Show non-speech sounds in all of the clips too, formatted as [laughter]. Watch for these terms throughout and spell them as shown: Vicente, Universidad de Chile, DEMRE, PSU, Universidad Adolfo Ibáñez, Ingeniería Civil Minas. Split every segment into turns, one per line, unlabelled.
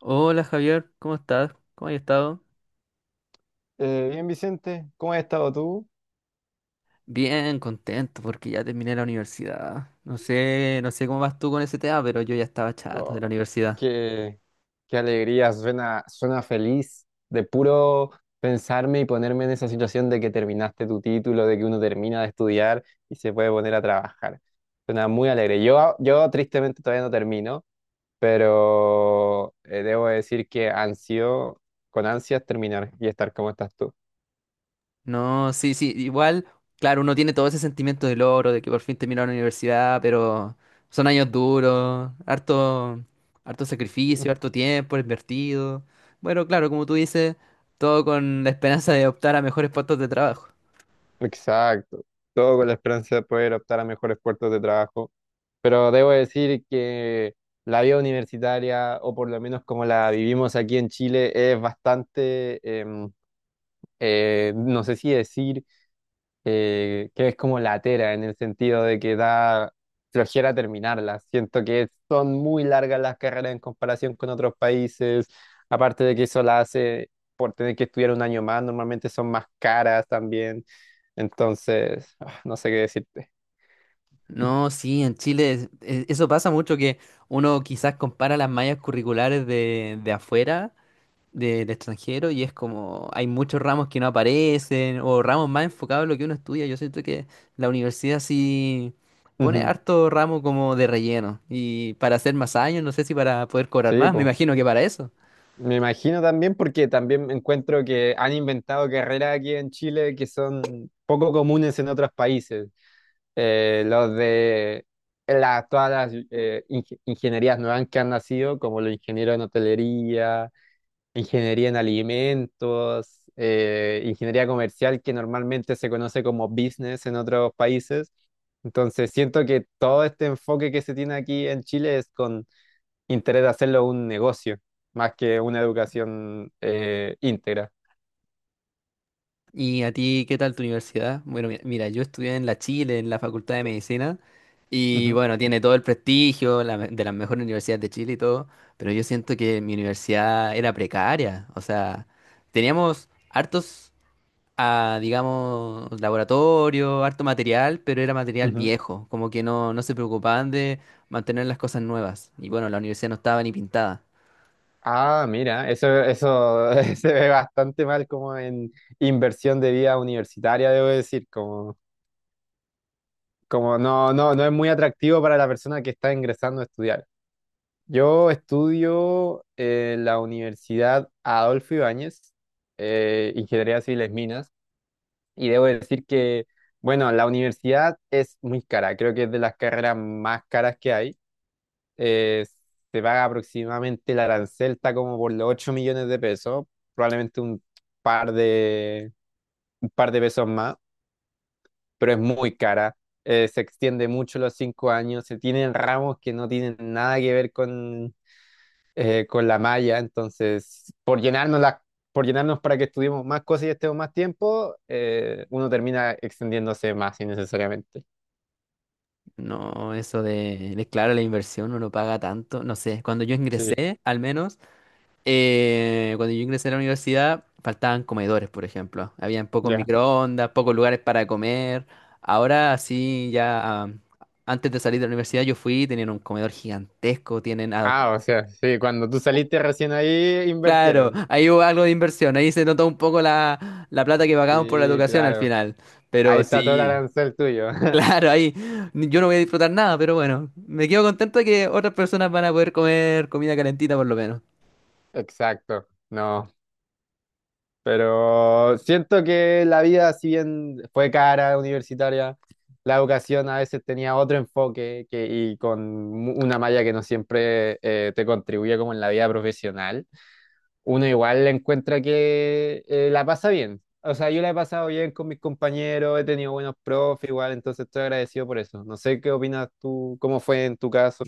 Hola Javier, ¿cómo estás? ¿Cómo has estado?
Bien, Vicente, ¿cómo has estado tú?
Bien, contento porque ya terminé la universidad. No sé cómo vas tú con ese tema, pero yo ya estaba chato de
Oh,
la universidad.
qué, qué alegría, suena feliz de puro pensarme y ponerme en esa situación de que terminaste tu título, de que uno termina de estudiar y se puede poner a trabajar. Suena muy alegre. Yo tristemente todavía no termino, pero debo decir que ansio, con ansias terminar y estar como estás tú.
No, sí, igual, claro, uno tiene todo ese sentimiento de logro, de que por fin terminó la universidad, pero son años duros, harto sacrificio, harto tiempo invertido. Bueno, claro, como tú dices, todo con la esperanza de optar a mejores puestos de trabajo.
Exacto, todo con la esperanza de poder optar a mejores puertos de trabajo, pero debo decir que la vida universitaria, o por lo menos como la vivimos aquí en Chile, es bastante, no sé si decir que es como latera en el sentido de que da flojera terminarlas. Siento que son muy largas las carreras en comparación con otros países, aparte de que eso la hace por tener que estudiar un año más, normalmente son más caras también. Entonces, no sé qué decirte.
No, sí, en Chile eso pasa mucho que uno quizás compara las mallas curriculares de afuera, de extranjero, y es como hay muchos ramos que no aparecen o ramos más enfocados en lo que uno estudia. Yo siento que la universidad sí pone
Ujú.
harto ramo como de relleno y para hacer más años, no sé si para poder cobrar
Sí,
más, me
pues.
imagino que para eso.
Me imagino también porque también encuentro que han inventado carreras aquí en Chile que son poco comunes en otros países. Los de todas las ingenierías nuevas que han nacido, como los ingenieros en hotelería, ingeniería en alimentos, ingeniería comercial, que normalmente se conoce como business en otros países. Entonces, siento que todo este enfoque que se tiene aquí en Chile es con interés de hacerlo un negocio, más que una educación íntegra.
¿Y a ti qué tal tu universidad? Bueno, mira, yo estudié en la Chile, en la Facultad de Medicina, y
Ujú,
bueno, tiene todo el prestigio la de las mejores universidades de Chile y todo, pero yo siento que mi universidad era precaria, o sea, teníamos hartos, digamos, laboratorio, harto material, pero era material
ujú.
viejo, como que no se preocupaban de mantener las cosas nuevas, y bueno, la universidad no estaba ni pintada.
Ah, mira, eso [laughs] se ve bastante mal como en inversión de vida universitaria, debo decir, como, como no es muy atractivo para la persona que está ingresando a estudiar. Yo estudio en la Universidad Adolfo Ibáñez, Ingeniería Civiles Minas, y debo decir que, bueno, la universidad es muy cara, creo que es de las carreras más caras que hay. eh, Se paga aproximadamente el arancel, está como por los 8 millones de pesos, probablemente par de, un par de pesos más, pero es muy cara. Se extiende mucho los 5 años, se tienen ramos que no tienen nada que ver con la malla, entonces por llenarnos para que estudiemos más cosas y estemos más tiempo, uno termina extendiéndose más innecesariamente.
No, eso de claro, la inversión uno paga tanto, no sé, cuando yo
Sí,
ingresé, al menos... Cuando yo ingresé a la universidad, faltaban comedores, por ejemplo. Habían pocos
ya.
microondas, pocos lugares para comer. Ahora sí, antes de salir de la universidad yo fui, tenían un comedor gigantesco, tienen...
Ah, o sea, sí, cuando tú saliste recién ahí,
Claro,
invirtieron.
ahí hubo algo de inversión, ahí se notó un poco la plata que pagamos por la
Sí,
educación al
claro.
final.
Ahí
Pero
está todo el
sí,
arancel tuyo.
[laughs]
[laughs]
claro, ahí yo no voy a disfrutar nada, pero bueno, me quedo contento de que otras personas van a poder comer comida calentita por lo menos.
Exacto. No. Pero siento que la vida, si bien fue cara, universitaria, la educación a veces tenía otro enfoque que, y con una malla que no siempre te contribuye como en la vida profesional. Uno igual encuentra que la pasa bien. O sea, yo la he pasado bien con mis compañeros, he tenido buenos profes igual, entonces estoy agradecido por eso. No sé qué opinas tú, cómo fue en tu caso.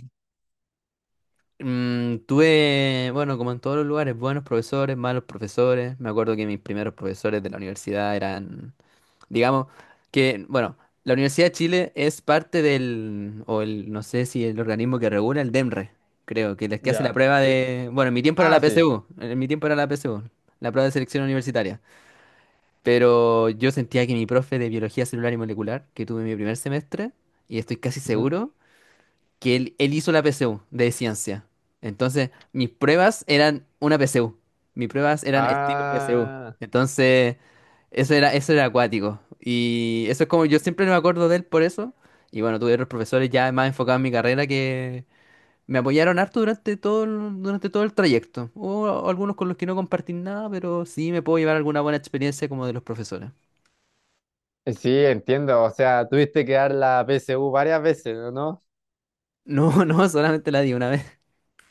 Tuve, bueno, como en todos los lugares, buenos profesores, malos profesores. Me acuerdo que mis primeros profesores de la universidad eran, digamos, que, bueno, la Universidad de Chile es parte del, o el, no sé si el organismo que regula, el DEMRE, creo, que es que hace la
Ya.
prueba
Sí.
de, bueno, en mi tiempo era
Ah,
la
sí.
PSU, en mi tiempo era la PSU, la prueba de selección universitaria. Pero yo sentía que mi profe de biología celular y molecular, que tuve en mi primer semestre, y estoy casi seguro que él hizo la PSU de ciencia. Entonces, mis pruebas eran una PSU. Mis pruebas eran estilo PSU.
Ah,
Entonces, eso era acuático. Y eso es como yo siempre me acuerdo de él por eso. Y bueno, tuve otros profesores ya más enfocados en mi carrera que me apoyaron harto durante todo el trayecto. Hubo algunos con los que no compartí nada, pero sí me puedo llevar alguna buena experiencia como de los profesores.
sí, entiendo. O sea, tuviste que dar la PSU varias veces, ¿o no?
No, [laughs] no, solamente la di una vez.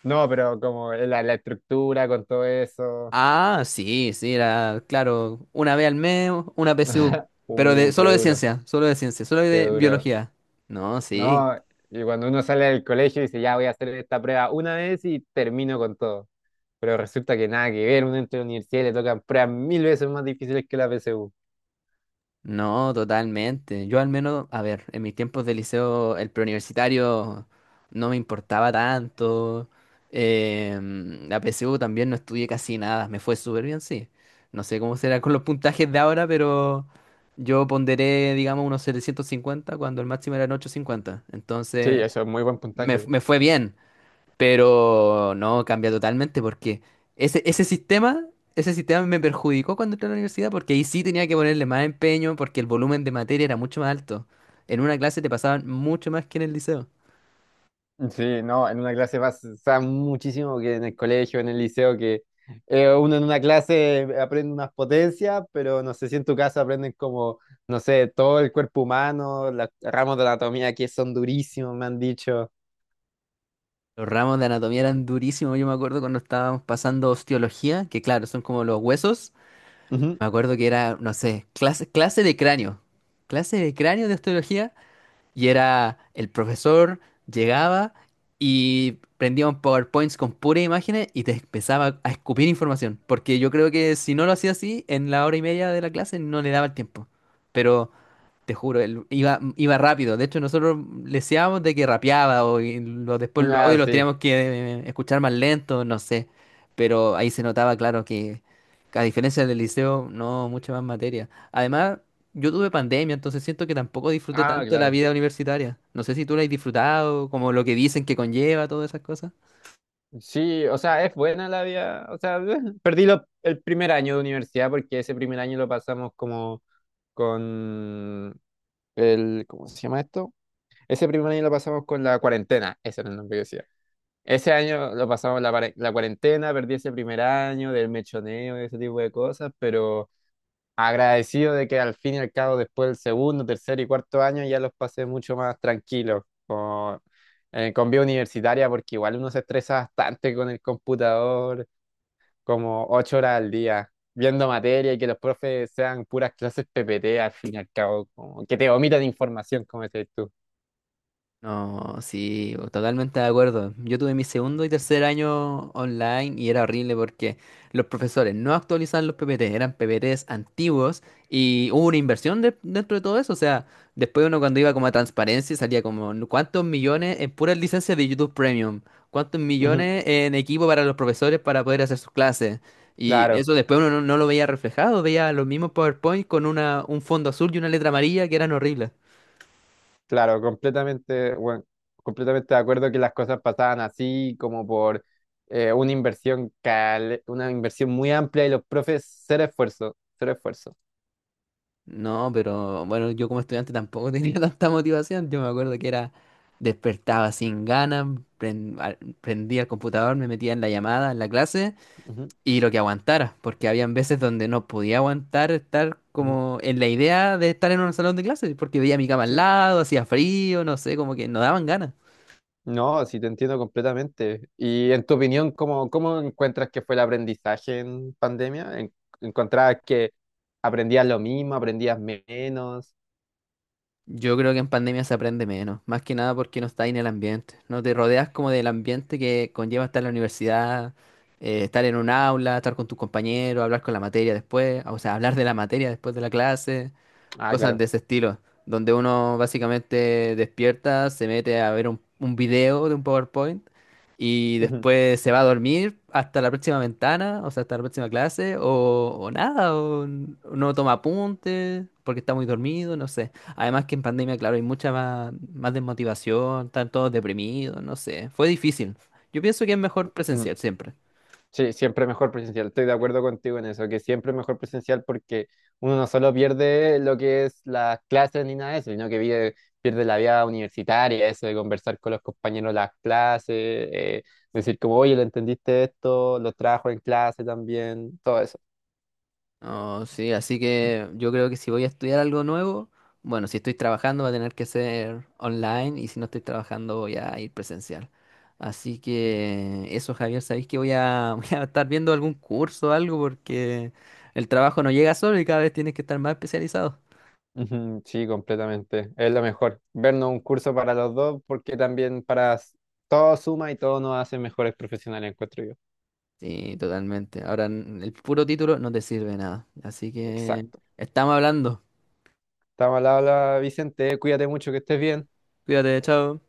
No, pero como la estructura con todo eso.
Ah, sí, sí, era, claro, una vez al mes, una PSU,
[laughs]
pero de,
Qué
solo de
duro,
ciencia, solo de ciencia, solo
qué
de
duro.
biología. No, sí,
No, y cuando uno sale del colegio y dice, ya voy a hacer esta prueba una vez y termino con todo. Pero resulta que nada que ver, uno entra a la universidad y le tocan pruebas mil veces más difíciles que la PSU.
no, totalmente. Yo al menos, a ver, en mis tiempos de liceo, el preuniversitario no me importaba tanto. La PSU también no estudié casi nada, me fue súper bien, sí. No sé cómo será con los puntajes de ahora, pero yo ponderé, digamos, unos 750 cuando el máximo eran 850.
Sí,
Entonces...
eso es muy buen
Me,
puntaje.
me fue bien. Pero no, cambia totalmente porque ese, ese sistema, ese sistema me perjudicó cuando entré a la universidad porque ahí sí tenía que ponerle más empeño porque el volumen de materia era mucho más alto. En una clase te pasaban mucho más que en el liceo.
Sí, no, en una clase pasa muchísimo que en el colegio, en el liceo, que uno en una clase aprende unas potencias, pero no sé si en tu caso aprenden como, no sé, todo el cuerpo humano, los ramos de anatomía que son durísimos, me han dicho.
Los ramos de anatomía eran durísimos. Yo me acuerdo cuando estábamos pasando osteología, que claro, son como los huesos.
Ujú.
Me acuerdo que era, no sé, clase de cráneo. Clase de cráneo de osteología. Y era el profesor, llegaba y prendía un PowerPoint con puras imágenes y te empezaba a escupir información. Porque yo creo que si no lo hacía así, en la hora y media de la clase no le daba el tiempo. Pero te juro, él iba rápido. De hecho, nosotros leseábamos de que rapeaba después los
Ah,
audios los
sí.
teníamos que escuchar más lento, no sé. Pero ahí se notaba, claro, que a diferencia del liceo, no, mucha más materia. Además, yo tuve pandemia, entonces siento que tampoco disfruté
Ah,
tanto la
claro.
vida universitaria. No sé si tú la has disfrutado, como lo que dicen que conlleva, todas esas cosas.
Sí, o sea, es buena la vida. O sea, [laughs] el primer año de universidad porque ese primer año lo pasamos como con el, ¿cómo se llama esto? Ese primer año lo pasamos con la cuarentena, ese era el nombre que decía. Ese año lo pasamos la cuarentena, perdí ese primer año del mechoneo y ese tipo de cosas, pero agradecido de que al fin y al cabo después del segundo, tercer y cuarto año ya los pasé mucho más tranquilos con vida universitaria, porque igual uno se estresa bastante con el computador, como ocho horas al día, viendo materia y que los profes sean puras clases PPT al fin y al cabo, como que te vomitan información, como decís tú.
No, sí, totalmente de acuerdo. Yo tuve mi segundo y tercer año online y era horrible porque los profesores no actualizaban los PPT, eran PPTs antiguos y hubo una dentro de todo eso. O sea, después uno cuando iba como a transparencia salía como "No, cuántos millones en puras licencias de YouTube Premium, cuántos
Ujú.
millones en equipo para los profesores para poder hacer sus clases". Y
Claro.
eso después uno no lo veía reflejado, veía los mismos PowerPoint con un fondo azul y una letra amarilla que eran horribles.
Claro, completamente, bueno, completamente de acuerdo que las cosas pasaban así, como por una una inversión muy amplia y los profes ser esfuerzo, ser esfuerzo.
No, pero bueno, yo como estudiante tampoco tenía [laughs] tanta motivación. Yo me acuerdo que era despertaba sin ganas, prendía el computador, me metía en la llamada, en la clase
Ujú,
y lo que aguantara, porque habían veces donde no podía aguantar estar
ujú.
como en la idea de estar en un salón de clases, porque veía mi cama al
Sí.
lado, hacía frío, no sé, como que no daban ganas.
No, sí te entiendo completamente. Y en tu opinión, ¿cómo, cómo encuentras que fue el aprendizaje en pandemia? ¿En- ¿Encontrabas que aprendías lo mismo, aprendías menos?
Yo creo que en pandemia se aprende menos, más que nada porque no estás en el ambiente, no te rodeas como del ambiente que conlleva estar en la universidad, estar en un aula, estar con tus compañeros, hablar con la materia después, o sea, hablar de la materia después de la clase,
Ah,
cosas
claro.
de ese estilo, donde uno básicamente despierta, se mete a ver un video de un PowerPoint y después se va a dormir hasta la próxima ventana, o sea, hasta la próxima clase, o nada, no toma apuntes porque está muy dormido, no sé. Además que en pandemia, claro, hay mucha más desmotivación, están todos deprimidos, no sé. Fue difícil. Yo pienso que es mejor
Ujú, ujú.
presencial siempre.
Sí, siempre mejor presencial. Estoy de acuerdo contigo en eso, que siempre es mejor presencial porque uno no solo pierde lo que es las clases ni nada de eso, pierde la vida universitaria, eso de conversar con los compañeros las clases, decir como, oye, ¿lo entendiste esto? ¿Lo trajo en clase también? Todo eso.
Oh, sí, así que yo creo que si voy a estudiar algo nuevo, bueno, si estoy trabajando va a tener que ser online y si no estoy trabajando voy a ir presencial. Así que eso, Javier, sabéis que voy [laughs] voy a estar viendo algún curso o algo porque el trabajo no llega solo y cada vez tienes que estar más especializado.
Ujú, sí, completamente. Es lo mejor. Vernos un curso para los dos porque también todo suma y todo nos hace mejores profesionales, encuentro yo.
Sí, totalmente. Ahora el puro título no te sirve de nada. Así que
Exacto.
estamos hablando.
Estamos al habla, Vicente. Cuídate mucho, que estés bien.
Cuídate, chao.